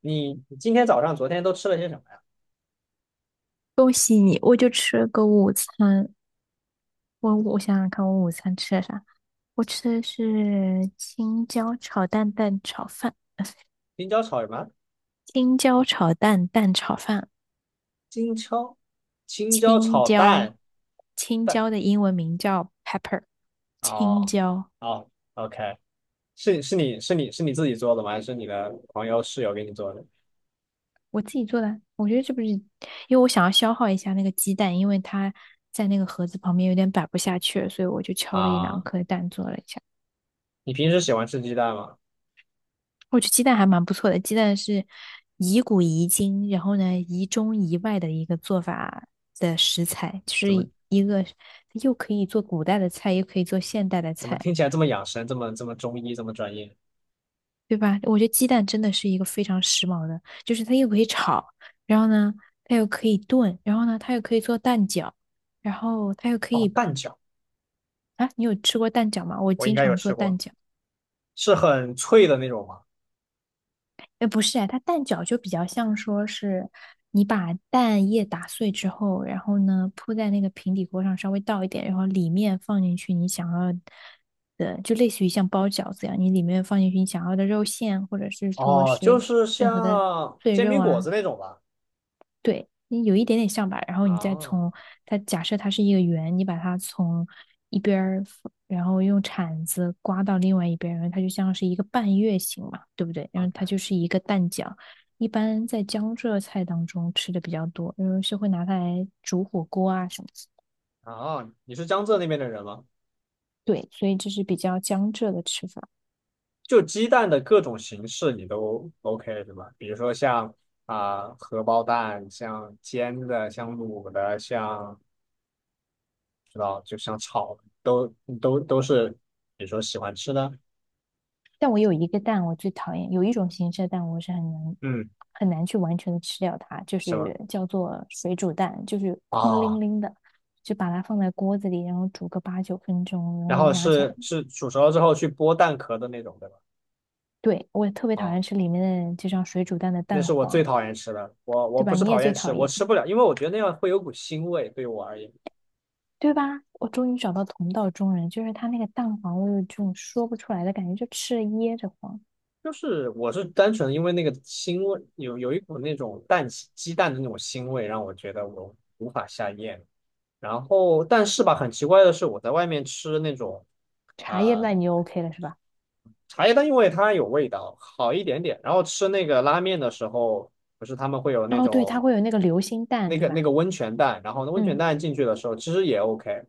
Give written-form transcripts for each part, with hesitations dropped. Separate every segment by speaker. Speaker 1: 你今天早上、昨天都吃了些什么呀？
Speaker 2: 恭喜你，我就吃了个午餐。我想想看，我午餐吃了啥？我吃的是青椒炒蛋蛋炒饭，
Speaker 1: 青椒炒什么？
Speaker 2: 青椒炒蛋蛋炒饭，
Speaker 1: 青椒，青椒
Speaker 2: 青
Speaker 1: 炒
Speaker 2: 椒，
Speaker 1: 蛋
Speaker 2: 青
Speaker 1: 蛋。
Speaker 2: 椒的英文名叫 pepper，青
Speaker 1: 哦，
Speaker 2: 椒，
Speaker 1: 哦，OK，你自己做的吗？还是你的朋友室友给你做的？
Speaker 2: 我自己做的。我觉得这不是，因为我想要消耗一下那个鸡蛋，因为它在那个盒子旁边有点摆不下去了，所以我就敲了一两
Speaker 1: 啊，
Speaker 2: 颗蛋做了一下。
Speaker 1: 你平时喜欢吃鸡蛋吗？
Speaker 2: 我觉得鸡蛋还蛮不错的，鸡蛋是宜古宜今，然后呢宜中宜外的一个做法的食材，就是
Speaker 1: 怎么
Speaker 2: 一个又可以做古代的菜，又可以做现代的
Speaker 1: 怎么
Speaker 2: 菜，
Speaker 1: 听起来这么养生，这么中医，这么专业？
Speaker 2: 对吧？我觉得鸡蛋真的是一个非常时髦的，就是它又可以炒，然后呢它又可以炖，然后呢它又可以做蛋饺，然后它又可
Speaker 1: 哦，
Speaker 2: 以
Speaker 1: 蛋饺
Speaker 2: 啊，你有吃过蛋饺吗？我
Speaker 1: 我应
Speaker 2: 经
Speaker 1: 该有
Speaker 2: 常做
Speaker 1: 吃
Speaker 2: 蛋
Speaker 1: 过，
Speaker 2: 饺。
Speaker 1: 是很脆的那种吗？
Speaker 2: 哎，不是哎，它蛋饺就比较像说是你把蛋液打碎之后，然后呢铺在那个平底锅上，稍微倒一点，然后里面放进去你想要的，就类似于像包饺子一样，你里面放进去你想要的肉馅，或者是说
Speaker 1: 哦，就
Speaker 2: 是
Speaker 1: 是
Speaker 2: 任何的
Speaker 1: 像
Speaker 2: 碎
Speaker 1: 煎
Speaker 2: 肉
Speaker 1: 饼果
Speaker 2: 啊，
Speaker 1: 子那种吧。
Speaker 2: 对，你有一点点像吧，然后你再
Speaker 1: 啊
Speaker 2: 从它假设它是一个圆，你把它从一边儿然后用铲子刮到另外一边儿然后它就像是一个半月形嘛，对不对？然后它
Speaker 1: ，OK。
Speaker 2: 就是一个蛋饺，一般在江浙菜当中吃的比较多，因为是会拿它来煮火锅啊什么的。
Speaker 1: 哦，你是江浙那边的人吗？
Speaker 2: 对，所以这是比较江浙的吃法。
Speaker 1: 就鸡蛋的各种形式你都 OK 对吧？比如说像啊、荷包蛋，像煎的，像卤的，像知道就像炒的，都是，比如说喜欢吃的，
Speaker 2: 但我有一个蛋，我最讨厌有一种形式的蛋，我是很难
Speaker 1: 嗯，
Speaker 2: 很难去完全的吃掉它，就
Speaker 1: 什么
Speaker 2: 是叫做水煮蛋，就是空拎
Speaker 1: 啊？
Speaker 2: 拎的，就把它放在锅子里，然后煮个八九分钟，然
Speaker 1: 然
Speaker 2: 后
Speaker 1: 后
Speaker 2: 拿起来。
Speaker 1: 是煮熟了之后去剥蛋壳的那种，对吧？
Speaker 2: 对，我特别讨
Speaker 1: 啊，
Speaker 2: 厌吃里面的这张水煮蛋的
Speaker 1: 那
Speaker 2: 蛋
Speaker 1: 是我最
Speaker 2: 黄，
Speaker 1: 讨厌吃的，我
Speaker 2: 对
Speaker 1: 不
Speaker 2: 吧？
Speaker 1: 是
Speaker 2: 你也
Speaker 1: 讨
Speaker 2: 最
Speaker 1: 厌吃，
Speaker 2: 讨
Speaker 1: 我
Speaker 2: 厌，
Speaker 1: 吃不了，因为我觉得那样会有股腥味，对我而言。
Speaker 2: 对吧？我终于找到同道中人，就是它那个蛋黄，我有这种说不出来的感觉，就吃了噎着慌。
Speaker 1: 就是我是单纯因为那个腥味，有一股那种蛋鸡蛋的那种腥味，让我觉得我无法下咽。然后，但是吧，很奇怪的是，我在外面吃那种啊、
Speaker 2: 茶叶
Speaker 1: 呃
Speaker 2: 蛋你就 OK 了是吧？
Speaker 1: 茶叶蛋，因为它有味道，好一点点。然后吃那个拉面的时候，不是他们会有那
Speaker 2: 哦，对，它
Speaker 1: 种
Speaker 2: 会有那个流心蛋，
Speaker 1: 那
Speaker 2: 对
Speaker 1: 个那
Speaker 2: 吧？
Speaker 1: 个温泉蛋，然后那温泉
Speaker 2: 嗯。
Speaker 1: 蛋进去的时候其实也 OK，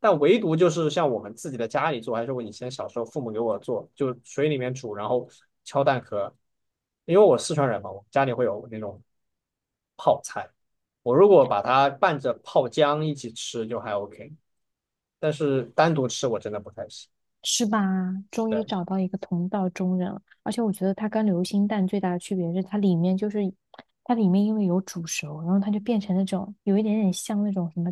Speaker 1: 但唯独就是像我们自己的家里做，还是我以前小时候父母给我做，就水里面煮，然后敲蛋壳。因为我四川人嘛，我家里会有那种泡菜，我如果把它拌着泡姜一起吃就还 OK，但是单独吃我真的不太行。
Speaker 2: 是吧？终于找
Speaker 1: 对
Speaker 2: 到一个同道中人了，而且我觉得它跟流心蛋最大的区别是，它里面就是它里面因为有煮熟，然后它就变成那种有一点点像那种什么，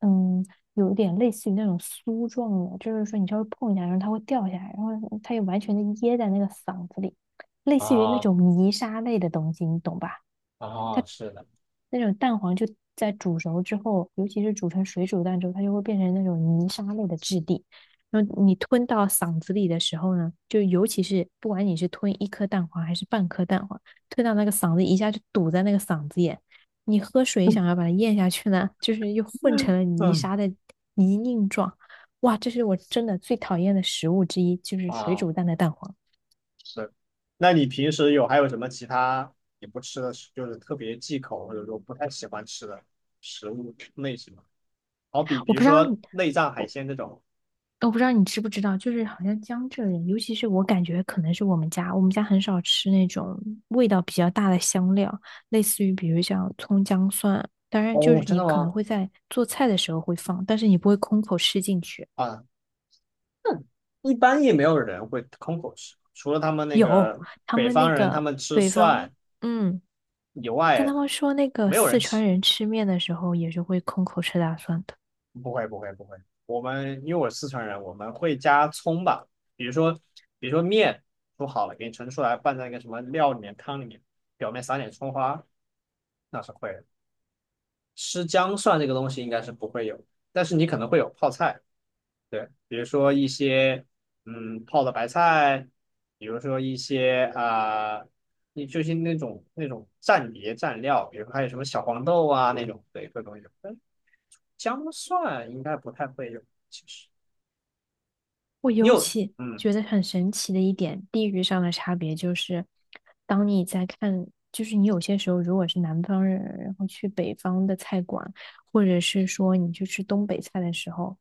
Speaker 2: 嗯，有一点类似于那种酥状的，就是说你稍微碰一下，然后它会掉下来，然后它又完全的噎在那个嗓子里，类似于那
Speaker 1: 啊
Speaker 2: 种泥沙类的东西，你懂吧？
Speaker 1: 啊，是的，
Speaker 2: 那种蛋黄就在煮熟之后，尤其是煮成水煮蛋之后，它就会变成那种泥沙类的质地。然后你吞到嗓子里的时候呢，就尤其是不管你是吞一颗蛋黄还是半颗蛋黄，吞到那个嗓子一下就堵在那个嗓子眼，你喝水想要把它咽下去呢，就是又混成了泥
Speaker 1: 嗯，
Speaker 2: 沙的泥泞状。哇，这是我真的最讨厌的食物之一，就是水
Speaker 1: 啊，
Speaker 2: 煮蛋的蛋黄。
Speaker 1: 是。那你平时有还有什么其他你不吃的，就是特别忌口或者说不太喜欢吃的食物类型吗？好比比
Speaker 2: 我
Speaker 1: 如
Speaker 2: 不知道
Speaker 1: 说
Speaker 2: 你
Speaker 1: 内脏海鲜这种。
Speaker 2: 我不知道你知不知道，就是好像江浙人，尤其是我感觉可能是我们家，我们家很少吃那种味道比较大的香料，类似于比如像葱姜蒜，当然就
Speaker 1: 哦，
Speaker 2: 是
Speaker 1: 真
Speaker 2: 你
Speaker 1: 的
Speaker 2: 可能
Speaker 1: 吗？
Speaker 2: 会在做菜的时候会放，但是你不会空口吃进去。
Speaker 1: 啊，那一般也没有人会空口吃，除了他们那
Speaker 2: 有，
Speaker 1: 个
Speaker 2: 他
Speaker 1: 北
Speaker 2: 们那
Speaker 1: 方人，他
Speaker 2: 个
Speaker 1: 们吃
Speaker 2: 北方，
Speaker 1: 蒜
Speaker 2: 嗯，
Speaker 1: 以
Speaker 2: 但
Speaker 1: 外，
Speaker 2: 他们说那个
Speaker 1: 没有
Speaker 2: 四
Speaker 1: 人
Speaker 2: 川
Speaker 1: 吃
Speaker 2: 人吃面的时候也是会空口吃大蒜的。
Speaker 1: 不会，我们因为我是四川人，我们会加葱吧，比如说比如说面煮好了，给你盛出来，拌在那个什么料里面、汤里面，表面撒点葱花，那是会的。吃姜蒜这个东西应该是不会有，但是你可能会有泡菜，对，比如说一些嗯泡的白菜，比如说一些啊，你、就是那种蘸碟蘸料，比如说还有什么小黄豆啊那种，对，各种有。但姜蒜应该不太会有，其实。
Speaker 2: 我
Speaker 1: 你
Speaker 2: 尤
Speaker 1: 有
Speaker 2: 其
Speaker 1: 嗯，
Speaker 2: 觉得很神奇的一点，地域上的差别就是，当你在看，就是你有些时候如果是南方人，然后去北方的菜馆，或者是说你去吃东北菜的时候，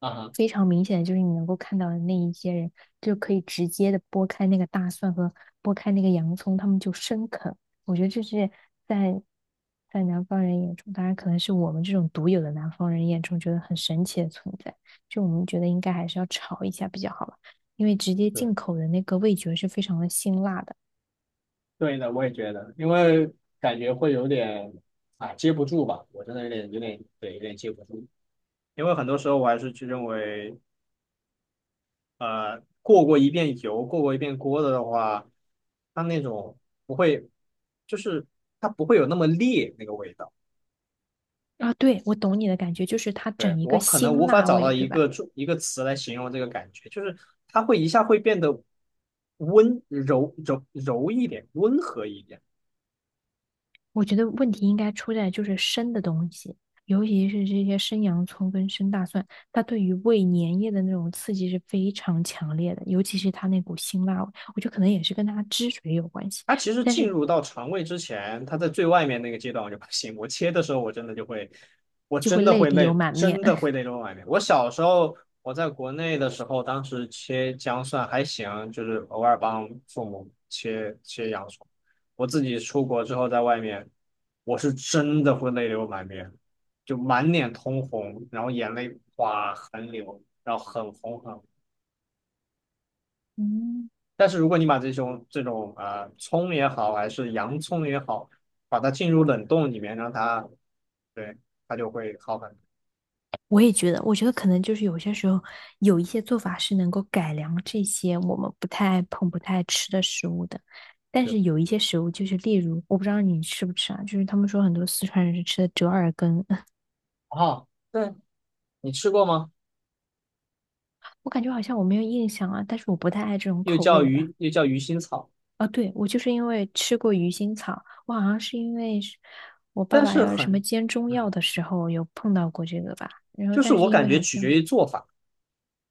Speaker 1: 啊哈，
Speaker 2: 非常明显的就是你能够看到的那一些人，就可以直接的剥开那个大蒜和剥开那个洋葱，他们就生啃。我觉得这是在在南方人眼中，当然可能是我们这种独有的南方人眼中觉得很神奇的存在。就我们觉得应该还是要炒一下比较好吧，因为直接
Speaker 1: 对
Speaker 2: 进口的那个味觉是非常的辛辣的。
Speaker 1: 对的，我也觉得，因为感觉会有点啊接不住吧，我真的有点对，有点接不住。因为很多时候我还是去认为，过过一遍油，过过一遍锅的的话，它那种不会，就是它不会有那么烈那个味道。
Speaker 2: 啊，对，我懂你的感觉，就是它
Speaker 1: 对，
Speaker 2: 整一个
Speaker 1: 我可能无
Speaker 2: 辛
Speaker 1: 法
Speaker 2: 辣
Speaker 1: 找
Speaker 2: 味，
Speaker 1: 到
Speaker 2: 对
Speaker 1: 一
Speaker 2: 吧？
Speaker 1: 个中一个词来形容这个感觉，就是它会一下会变得温柔一点，温和一点。
Speaker 2: 我觉得问题应该出在就是生的东西，尤其是这些生洋葱跟生大蒜，它对于胃粘液的那种刺激是非常强烈的，尤其是它那股辛辣味，我觉得可能也是跟它汁水有关系，
Speaker 1: 它其实
Speaker 2: 但
Speaker 1: 进
Speaker 2: 是
Speaker 1: 入到肠胃之前，它在最外面那个阶段我就不行。我切的时候，我真的就会，我
Speaker 2: 就会
Speaker 1: 真的
Speaker 2: 泪
Speaker 1: 会
Speaker 2: 流
Speaker 1: 累，
Speaker 2: 满面。
Speaker 1: 真的会 累到外面。我小时候我在国内的时候，当时切姜蒜还行，就是偶尔帮父母切切洋葱。我自己出国之后，在外面，我是真的会泪流满面，就满脸通红，然后眼泪哗横流，然后很红。
Speaker 2: 嗯，
Speaker 1: 但是如果你把这种葱也好，还是洋葱也好，把它进入冷冻里面，让它对它就会好很
Speaker 2: 我也觉得，我觉得可能就是有些时候有一些做法是能够改良这些我们不太爱碰、不太爱吃的食物的，但
Speaker 1: 多。是
Speaker 2: 是有一些食物就是例如，我不知道你吃不吃啊，就是他们说很多四川人是吃的折耳根。
Speaker 1: 哦，对，你吃过吗？
Speaker 2: 我感觉好像我没有印象啊，但是我不太爱这种
Speaker 1: 又
Speaker 2: 口味
Speaker 1: 叫
Speaker 2: 的吧。
Speaker 1: 鱼，又叫鱼腥草，
Speaker 2: 哦，对，我就是因为吃过鱼腥草，我好像是因为是我爸
Speaker 1: 但
Speaker 2: 爸
Speaker 1: 是
Speaker 2: 要什么
Speaker 1: 很，
Speaker 2: 煎中
Speaker 1: 嗯，
Speaker 2: 药的时候有碰到过这个吧。然后，
Speaker 1: 就是
Speaker 2: 但是
Speaker 1: 我
Speaker 2: 因
Speaker 1: 感
Speaker 2: 为
Speaker 1: 觉
Speaker 2: 好
Speaker 1: 取决
Speaker 2: 像，
Speaker 1: 于做法，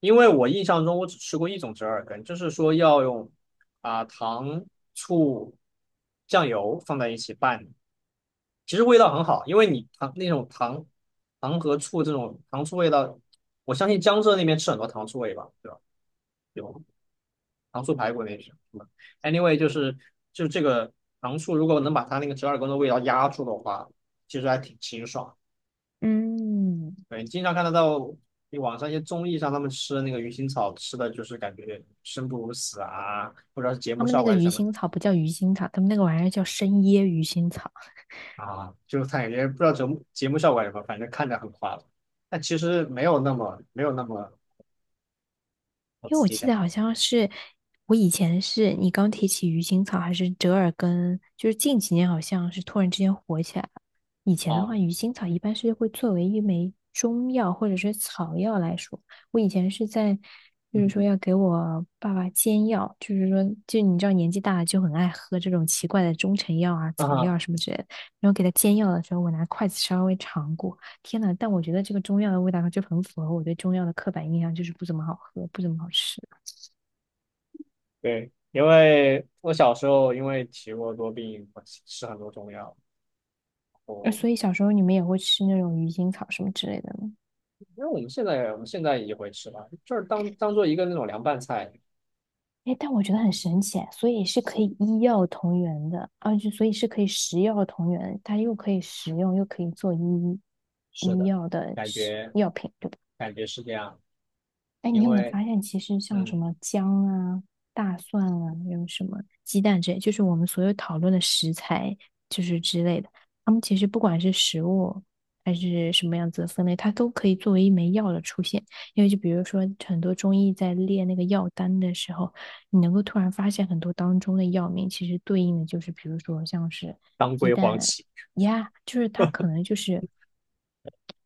Speaker 1: 因为我印象中我只吃过一种折耳根，就是说要用啊、糖、醋、酱油放在一起拌，其实味道很好，因为你糖那种糖和醋这种糖醋味道，我相信江浙那边吃很多糖醋味吧，对吧？有糖醋排骨那些。嗯 Anyway，就是就这个糖醋，如果能把它那个折耳根的味道压住的话，其实还挺清爽。
Speaker 2: 嗯，
Speaker 1: 对，你经常看得到你网上一些综艺上他们吃那个鱼腥草，吃的就是感觉生不如死啊，不知道是节
Speaker 2: 他
Speaker 1: 目
Speaker 2: 们
Speaker 1: 效
Speaker 2: 那
Speaker 1: 果
Speaker 2: 个
Speaker 1: 还是
Speaker 2: 鱼
Speaker 1: 什么
Speaker 2: 腥草不叫鱼腥草，他们那个玩意儿叫生椰鱼腥草。
Speaker 1: 啊，就是他感觉不知道节目效果还是什么，反正看着很夸张。但其实没有那么我
Speaker 2: 因为
Speaker 1: 自
Speaker 2: 我
Speaker 1: 己
Speaker 2: 记
Speaker 1: 感
Speaker 2: 得
Speaker 1: 觉
Speaker 2: 好像是我以前是你刚提起鱼腥草还是折耳根，就是近几年好像是突然之间火起来了。以前的
Speaker 1: 啊，
Speaker 2: 话，鱼腥草一般是会作为一枚中药或者是草药来说。我以前是在就是说
Speaker 1: 嗯
Speaker 2: 要给我爸爸煎药，就是说就你知道年纪大了就很爱喝这种奇怪的中成药啊、草
Speaker 1: 啊，
Speaker 2: 药啊什么之类的。然后给他煎药的时候，我拿筷子稍微尝过，天呐，但我觉得这个中药的味道就很符合我对中药的刻板印象，就是不怎么好喝，不怎么好吃。
Speaker 1: 对，因为我小时候因为体弱多病，我吃很多中药，
Speaker 2: 所
Speaker 1: 然
Speaker 2: 以小时候你们也会吃那种鱼腥草什么之类的吗？
Speaker 1: 因为我们现在也会吃吧，就是当当做一个那种凉拌菜。
Speaker 2: 哎，但我觉得很神奇，所以是可以医药同源的，啊，就所以是可以食药同源，它又可以食用，又可以做医
Speaker 1: 是
Speaker 2: 医
Speaker 1: 的，
Speaker 2: 药的
Speaker 1: 感
Speaker 2: 食
Speaker 1: 觉
Speaker 2: 药品，对吧？
Speaker 1: 感觉是这样，
Speaker 2: 哎，你
Speaker 1: 因
Speaker 2: 有没有
Speaker 1: 为
Speaker 2: 发现，其实像什
Speaker 1: 嗯，
Speaker 2: 么姜啊、大蒜啊，还有什么鸡蛋之类，就是我们所有讨论的食材，就是之类的，它们其实不管是食物还是什么样子的分类，它都可以作为一枚药的出现。因为就比如说，很多中医在列那个药单的时候，你能够突然发现很多当中的药名，其实对应的就是，比如说像是
Speaker 1: 当
Speaker 2: 鸡
Speaker 1: 归黄
Speaker 2: 蛋
Speaker 1: 芪，
Speaker 2: 呀，就是它可能就是。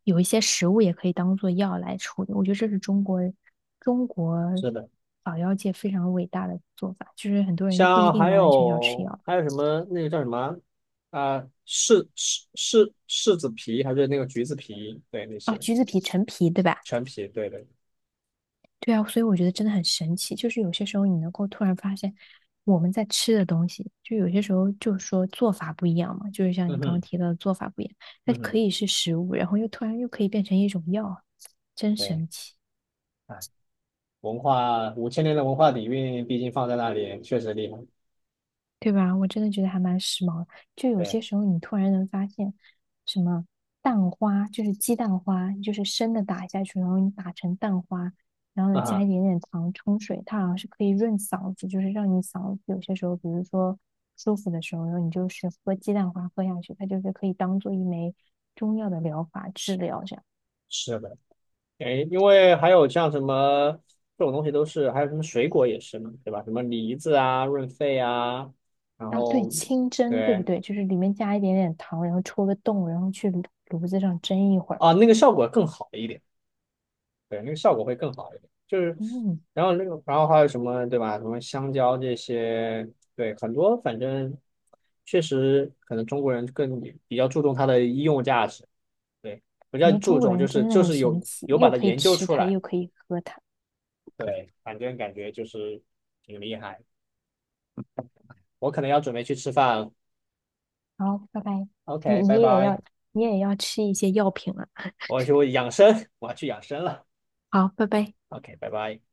Speaker 2: 有一些食物也可以当做药来处理。我觉得这是中国
Speaker 1: 是的，
Speaker 2: 草药界非常伟大的做法，就是很多人就不一
Speaker 1: 像
Speaker 2: 定
Speaker 1: 还
Speaker 2: 完完全全要吃
Speaker 1: 有
Speaker 2: 药。
Speaker 1: 还有什么那个叫什么啊、柿子皮还是那个橘子皮，对那
Speaker 2: 哦，
Speaker 1: 些
Speaker 2: 橘子皮、陈皮，对吧？
Speaker 1: 陈皮，对对
Speaker 2: 对啊，所以我觉得真的很神奇，就是有些时候你能够突然发现我们在吃的东西，就有些时候就是说做法不一样嘛，就是像
Speaker 1: 嗯
Speaker 2: 你刚
Speaker 1: 哼，
Speaker 2: 刚提到的做法不一样，它
Speaker 1: 嗯哼，
Speaker 2: 可以是食物，然后又突然又可以变成一种药，真
Speaker 1: 对，
Speaker 2: 神奇。
Speaker 1: 哎。文化5000年的文化底蕴，毕竟放在那里确实厉害。
Speaker 2: 对吧？我真的觉得还蛮时髦的。就有
Speaker 1: 对，
Speaker 2: 些时候，你突然能发现，什么蛋花，就是鸡蛋花，就是生的打下去，然后你打成蛋花，然后
Speaker 1: 啊
Speaker 2: 呢加
Speaker 1: 哈，
Speaker 2: 一点点糖冲水，它好像是可以润嗓子，就是让你嗓子有些时候，比如说舒服的时候，然后你就是喝鸡蛋花喝下去，它就是可以当做一枚中药的疗法治疗这样。
Speaker 1: 是的，哎，因为还有像什么这种东西都是，还有什么水果也是嘛，对吧？什么梨子啊、润肺啊，然
Speaker 2: 啊，对，
Speaker 1: 后
Speaker 2: 清蒸，对不
Speaker 1: 对
Speaker 2: 对？就是里面加一点点糖，然后戳个洞，然后去炉子上蒸一会儿。
Speaker 1: 啊，那个效果更好一点，对，那个效果会更好一点。就是，
Speaker 2: 嗯，
Speaker 1: 然后那个，然后还有什么，对吧？什么香蕉这些，对，很多反正确实可能中国人更比较注重它的医用价值。对，比
Speaker 2: 我
Speaker 1: 较
Speaker 2: 觉得
Speaker 1: 注
Speaker 2: 中国
Speaker 1: 重
Speaker 2: 人
Speaker 1: 就是
Speaker 2: 真的
Speaker 1: 就
Speaker 2: 很
Speaker 1: 是
Speaker 2: 神
Speaker 1: 有
Speaker 2: 奇，
Speaker 1: 有把
Speaker 2: 又
Speaker 1: 它
Speaker 2: 可以
Speaker 1: 研究
Speaker 2: 吃
Speaker 1: 出
Speaker 2: 它，
Speaker 1: 来。
Speaker 2: 又可以喝它。
Speaker 1: 对，反正感觉就是挺厉害。我可能要准备去吃饭了。
Speaker 2: 好，拜拜。你
Speaker 1: OK,
Speaker 2: 你
Speaker 1: 拜
Speaker 2: 也要
Speaker 1: 拜。
Speaker 2: 你也要吃一些药品了。
Speaker 1: 我要去养生，我要去养生了。
Speaker 2: 好，拜拜。
Speaker 1: OK,拜拜。